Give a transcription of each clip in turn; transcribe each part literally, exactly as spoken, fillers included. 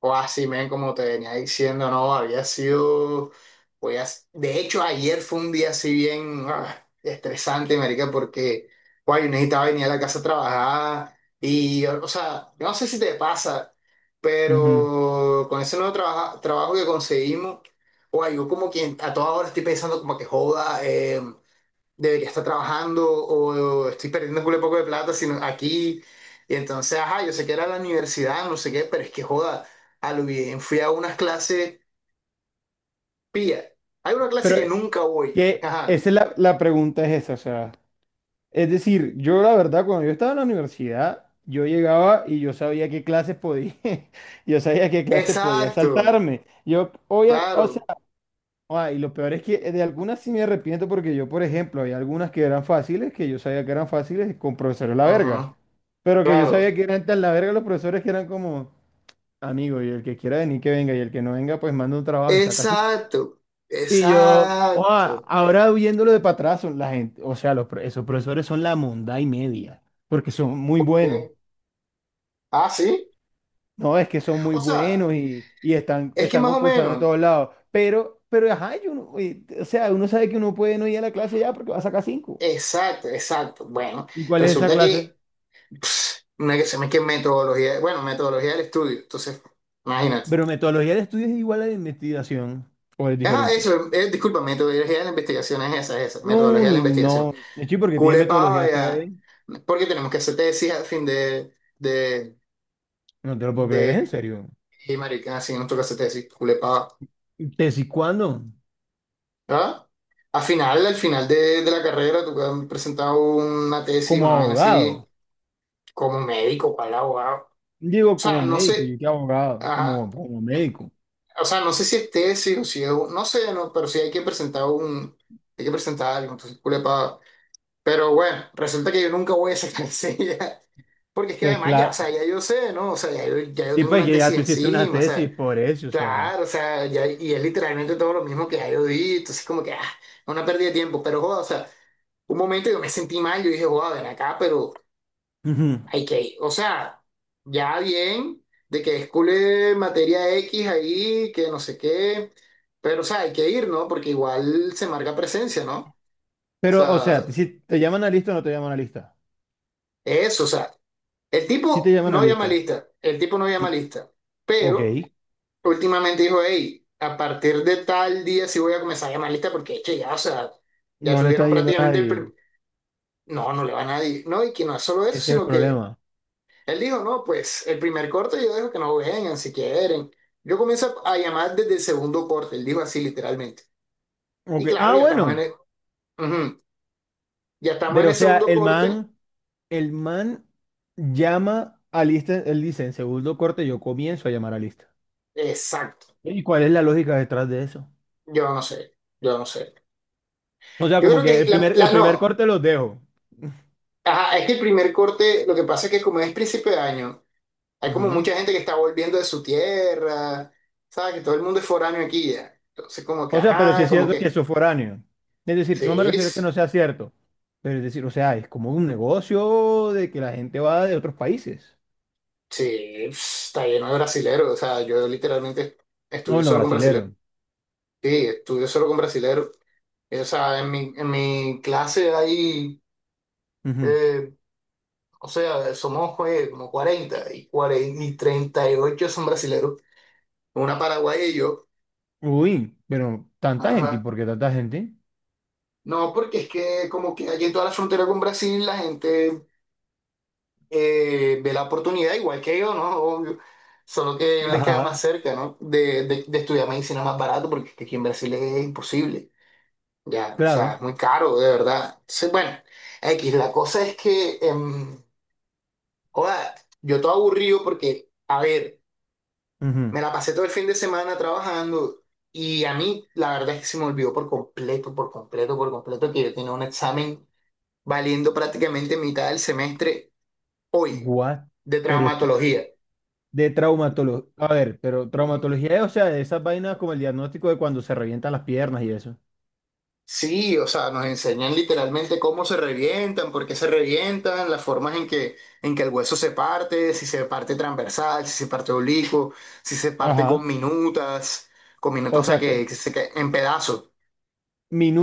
O así, men, como te venía diciendo, no, había sido, pues, de hecho, ayer fue un día así bien ah, estresante, marica, porque, guay, yo necesitaba venir a la casa a trabajar y, o sea, yo no sé si te pasa, Ujú. pero con ese nuevo trabaja- trabajo que conseguimos, guay, yo como quien a toda hora estoy pensando como que joda, em, debería estar trabajando o estoy perdiendo un culo de poco de plata sino aquí. Y entonces, ajá, yo sé que era la universidad, no sé qué, pero es que joda, a lo bien fui a unas clases pía. Hay una clase Pero que eh, nunca voy. que Ajá. esa es la, la pregunta es esa, o sea, es decir, yo la verdad, cuando yo estaba en la universidad, yo llegaba y yo sabía qué clases podía, yo sabía qué clases podía Exacto, saltarme. Yo, obvia- o sea, claro. ah, y lo peor es que eh, de algunas sí me arrepiento porque yo, por ejemplo, hay algunas que eran fáciles, que yo sabía que eran fáciles con profesores la verga, Ajá, pero que yo claro. sabía que eran tan la verga los profesores que eran como, amigo, y el que quiera venir que venga, y el que no venga, pues manda un trabajo y saca así. Exacto, Y yo, oh, exacto. ahora viéndolo de para atrás, son la gente, o sea, los, pro- esos profesores son la monda y media, porque son muy buenos. Bien. Ah, sí. No, es que son muy O sea, buenos y, y están, es que están más o concursando de menos. todos lados. Pero, pero, ajá, y uno- y- o sea, uno sabe que uno puede no ir a la clase ya porque va a sacar cinco. Exacto, exacto. Bueno, ¿Y cuál es esa resulta clase? que una que se me que metodología, bueno, metodología del estudio, entonces, imagínate. Pero metodología de estudio es igual a la de investigación, o es Ajá, diferente. eso, eh, disculpa, metodología de la investigación es esa, es esa, No, metodología de la ni- investigación. no. De hecho, ¿porque tiene Culepa, metodología ya, ustedes? porque tenemos que hacer tesis al fin de, de, No te lo puedo creer, de, es en serio. y marica, así nos toca hacer tesis, culepa, ¿Tesis cuándo? ¿verdad? Al final, al final de, de la carrera, tú has presentado una tesis, Como una vaina así, abogado. como médico, para el abogado. O Digo, sea, como no médico, sé, yo que abogado, ajá. como, como médico. O sea, no sé si es tesis o si es, un- no sé, no, pero sí hay que presentar un, hay que presentar algo, entonces culepa. Pero bueno, resulta que yo nunca voy a sacar enseguida, porque es que Pues además ya, o claro, sea, ya yo sé, ¿no? O sea, ya yo, ya yo sí, tengo pues una que ya tesis tú hiciste una encima, o sea, tesis por eso, o sea. claro, o sea, ya, y es literalmente todo lo mismo que ya yo di, entonces como que, ah, una pérdida de tiempo, pero joda, o sea, un momento yo me sentí mal, yo dije, joda, ven acá, pero Ujú. hay que, o sea, ya bien, de que escule materia X ahí, que no sé qué, pero, o sea, hay que ir, ¿no? Porque igual se marca presencia, ¿no? O Pero, o sea, sea, si te llaman a lista o no te llaman a lista. eso, o sea, el Si te tipo llaman a no llama lista. lista, el tipo no llama Mm. lista, Ok, pero últimamente dijo, hey, a partir de tal día sí voy a comenzar a llamar lista porque, che, ya, o sea, ya no le tuvieron está yendo a prácticamente el... nadie. prim- no, no le va a nadie, ¿no? Y que no es solo eso, Ese es el sino que... problema. Él dijo, no, pues el primer corte yo dejo que nos vengan si quieren. Yo comienzo a llamar desde el segundo corte, él dijo así literalmente. Y Ok, claro, ah, ya estamos en bueno. el, ujú, ya estamos en Pero, el o sea, segundo el corte, man, el man llama a lista, él dice, en segundo corte yo comienzo a llamar a lista. exacto. ¿Y cuál es la lógica detrás de eso? Yo no sé, yo no sé. O sea, Yo como creo que que el la, primer, la- el primer no, corte los dejo. ajá, es que el primer corte, lo que pasa es que como es principio de año, hay como Ujú. mucha gente que está volviendo de su tierra, ¿sabes? Que todo el mundo es foráneo aquí ya. Entonces como que, O sea, pero si ajá, es como cierto que que, eso es foráneo. Es decir, no me sí, refiero a que sí, no sea cierto, pero es decir, o sea, es como un negocio de que la gente va de otros países. sí, está lleno de brasileros. O sea, yo literalmente No, estudio bueno, solo con brasileros. brasilero. Sí, estudio solo con brasileros. Eh, O sea, en mi, en mi clase hay, Ujú. eh, o sea, somos pues, como cuarenta y, cuarenta y treinta y ocho son brasileros. Una paraguaya y yo. Uy, pero tanta gente, ¿y Ajá. por qué tanta gente? No, porque es que como que allí en toda la frontera con Brasil la gente eh, ve la oportunidad igual que yo, ¿no? Obvio. Solo que le queda más Ajá. cerca, ¿no? De, de, de estudiar medicina más barato, porque es que aquí en Brasil es imposible. Ya, o sea, es Claro. muy caro, de verdad. Sí, bueno, X, la cosa es que, em, joda, yo todo aburrido porque, a ver, Ujú. me la pasé todo el fin de semana trabajando y a mí la verdad es que se me olvidó por completo, por completo, por completo que yo tenía un examen valiendo prácticamente mitad del semestre hoy What? de Pero traumatología. espérate. De traumatología. A ver, pero traumatología es, o sea, de esas vainas como el diagnóstico de cuando se revientan las piernas y eso. Sí, o sea, nos enseñan literalmente cómo se revientan, por qué se revientan, las formas en que, en que el hueso se parte, si se parte transversal, si se parte oblicuo, si se parte con Ajá. minutas, con minutas, O o sea, sea, que- que, que se cae en pedazos,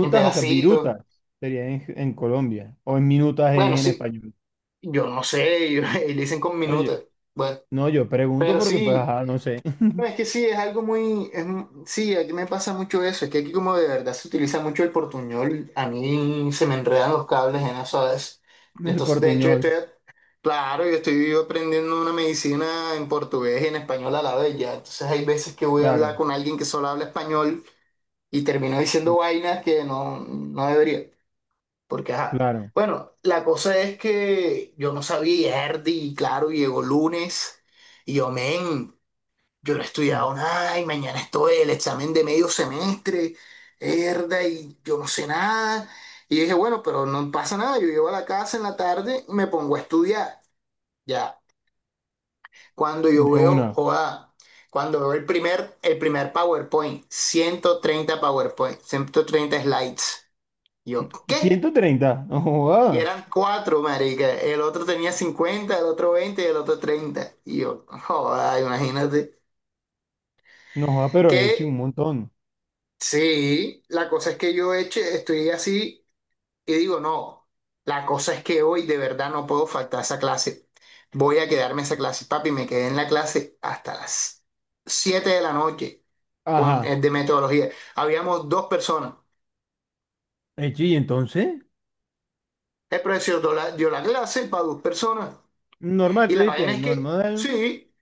en o sea, pedacitos. virutas sería en, en Colombia, o en minutas en Bueno, en sí, español. yo no sé, y dicen con No, yo, minutas. Bueno, no, yo pregunto pero porque, pues, sí. ajá, no sé. No, es que sí, es algo muy, es mu- sí, aquí me pasa mucho eso, es que aquí como de verdad se utiliza mucho el portuñol, a mí se me enredan los cables en eso a veces. El Entonces, de hecho, yo estoy, portuñol. claro, yo estoy aprendiendo una medicina en portugués y en español a la vez ya. Entonces, hay veces que voy a hablar Claro. con alguien que solo habla español y termino Mm. diciendo vainas que no, no debería, porque ajá. Claro. Bueno, la cosa es que yo no sabía y Erdi, y claro, llegó lunes. Y yo, men, yo no he Mm. estudiado nada y mañana estoy el examen de medio semestre, herda, y yo no sé nada. Y dije, bueno, pero no pasa nada, yo llego a la casa en la tarde y me pongo a estudiar. Ya, cuando yo De veo, una. joda, cuando veo el primer, el primer PowerPoint, ciento treinta PowerPoint, ciento treinta slides. Yo, ¿qué? Ciento treinta. No Y joda. eran cuatro, marica. El otro tenía cincuenta, el otro veinte y el otro treinta. Y yo, joda, imagínate. No joda, pero he ¿Qué? hecho un montón. Sí, la cosa es que yo eche, estoy así y digo, no, la cosa es que hoy de verdad no puedo faltar a esa clase. Voy a quedarme en esa clase, papi, me quedé en la clase hasta las siete de la noche con el Ajá. de metodología. Habíamos dos personas. Hecho, y entonces. El profesor dio la, dio la clase para dos personas. Normal, Y tú la vaina dijiste, es que, normal. sí,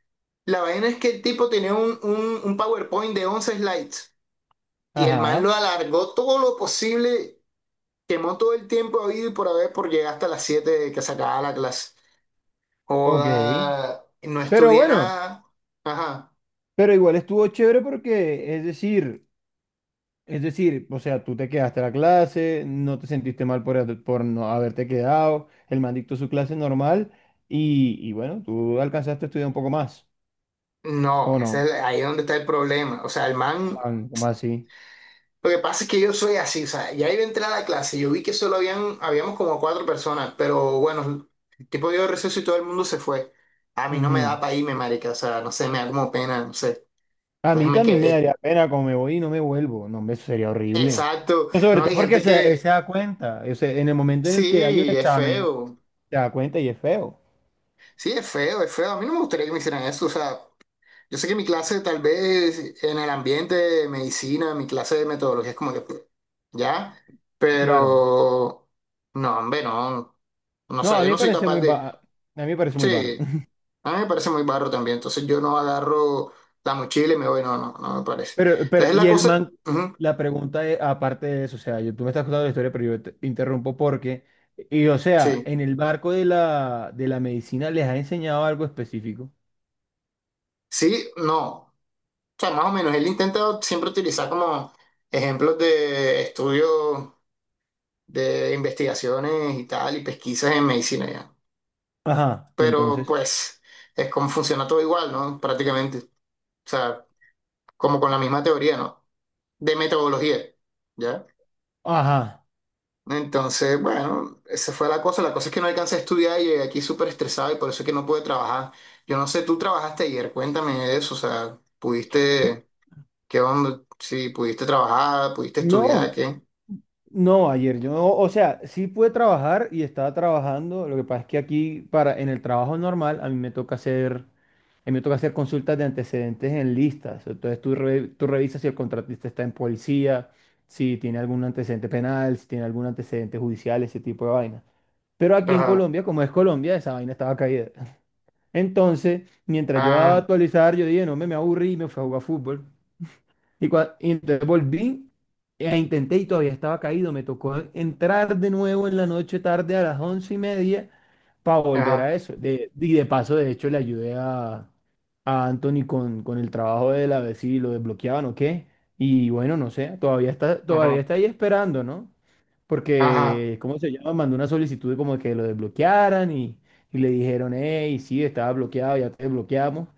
la vaina es que el tipo tenía un, un, un PowerPoint de once slides y el man lo Ajá. alargó todo lo posible. Quemó todo el tiempo habido y por haber por llegar hasta las siete de que se acababa la clase. Ok. Joda, no Pero estudié bueno, nada. Ajá. pero igual estuvo chévere porque, es decir. Es decir, o sea, tú te quedaste a la clase, no te sentiste mal por, haber- por no haberte quedado, el man dictó su clase normal y, y bueno, tú alcanzaste a estudiar un poco más, No, ¿o ese no? es el- ahí es donde está el problema. O sea, el man, Man, ¿cómo así? lo que pasa es que yo soy así, o sea, ya iba a entrar a la clase, yo vi que solo habían, habíamos como cuatro personas, pero bueno, el tipo dio receso y todo el mundo se fue. A mí no me Ujú. da para irme, marica, o sea, no sé, me da como pena, no sé. A Entonces mí me también me quedé. daría pena como me voy y no me vuelvo, no, hombre, eso sería horrible. Exacto. Pero sobre No, todo hay porque gente se, él que, se da cuenta, o sea, en el momento en el que hay un sí, es examen, feo. se da cuenta y es feo, Sí, es feo, es feo. A mí no me gustaría que me hicieran eso. O sea, yo sé que mi clase tal vez en el ambiente de medicina, mi clase de metodología es como que, pues, ya, claro. pero no, hombre, no. No No, a sé, yo mí me no soy parece capaz muy, de... ba- a mí me parece muy barro. Sí, a mí me parece muy barro también. Entonces yo no agarro la mochila y me voy, no, no, no me parece. Pero, pero, Entonces la y el cosa... man, ujú, la pregunta es, aparte de eso, o sea, yo, tú me estás contando la historia, pero yo te interrumpo porque, y o sea, sí, en el barco de la, de la medicina les ha enseñado algo específico. sí, no. O sea, más o menos, él intenta siempre utilizar como ejemplos de estudio de investigaciones y tal, y pesquisas en medicina ya. Ajá, y Pero entonces, pues es como funciona todo igual, ¿no? Prácticamente. O sea, como con la misma teoría, ¿no? De metodología, ¿ya? ajá. Entonces, bueno, esa fue la cosa. La cosa es que no alcancé a estudiar y llegué aquí súper estresado y por eso es que no pude trabajar. Yo no sé, tú trabajaste ayer, cuéntame de eso, o sea, pudiste, ¿qué onda? Si pudiste trabajar, pudiste estudiar, No, ¿qué? No, ayer yo, o sea, sí pude trabajar y estaba trabajando. Lo que pasa es que aquí para en el trabajo normal a mí me toca hacer, a mí me toca hacer consultas de antecedentes en listas. Entonces tú, re- tú revisas si el contratista está en policía, si tiene algún antecedente penal, si tiene algún antecedente judicial, ese tipo de vaina. Pero aquí en Ajá, Colombia, como es Colombia, esa vaina estaba caída. Entonces, mientras yo daba a ah, actualizar, yo dije, no me, me aburrí y me fui a jugar fútbol. Y, cua- y entonces volví, e intenté y todavía estaba caído. Me tocó entrar de nuevo en la noche tarde a las once y media para volver ajá, a eso. De, y de paso, de hecho, le ayudé a, a Anthony con, con el trabajo de él a ver si lo desbloqueaban o qué. Y bueno, no sé, todavía está, todavía ajá, está ahí esperando, ¿no? ajá, Porque, ¿cómo se llama? Mandó una solicitud como de que lo desbloquearan y, y le dijeron, hey, sí, estaba bloqueado, ya te desbloqueamos,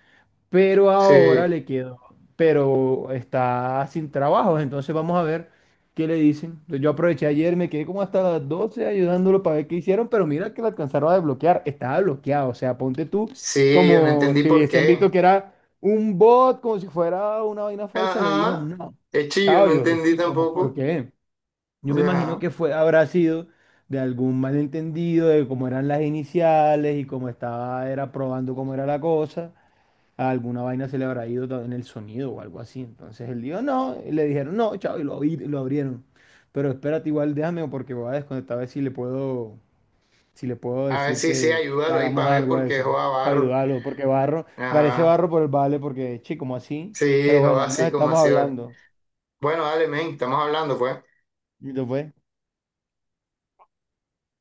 pero ahora sí. le quedó, pero está sin trabajo, entonces vamos a ver qué le dicen. Yo aproveché ayer, me quedé como hasta las doce ayudándolo para ver qué hicieron, pero mira que lo alcanzaron a desbloquear, estaba bloqueado, o sea, ponte tú Sí, yo no como entendí si por hubiesen visto qué. que era un bot, como si fuera una vaina falsa, le dijo Ajá. no. Es chillo, Chao, no yo, "Eh, entendí chico, ¿cómo, por tampoco. qué? Yo me imagino Ajá. que fue, habrá sido de algún malentendido de cómo eran las iniciales y cómo estaba, era probando cómo era la cosa, alguna vaina se le habrá ido ta- en el sonido o algo así. Entonces él dijo, no, y le dijeron, no, chao, y lo, abri- lo abrieron. Pero espérate, igual déjame porque voy a desconectar a ver si le puedo, si le puedo A ver, decir sí, sí, que, que ayúdalo ahí hagamos para ver algo a porque eso, joda para barro. ayudarlo, porque barro, parece Ajá. barro por el vale, porque, che, como así. Sí, Pero bueno, joda ahí nos así como estamos así, vale. hablando. Bueno, dale, men, estamos hablando, pues. Y te fue.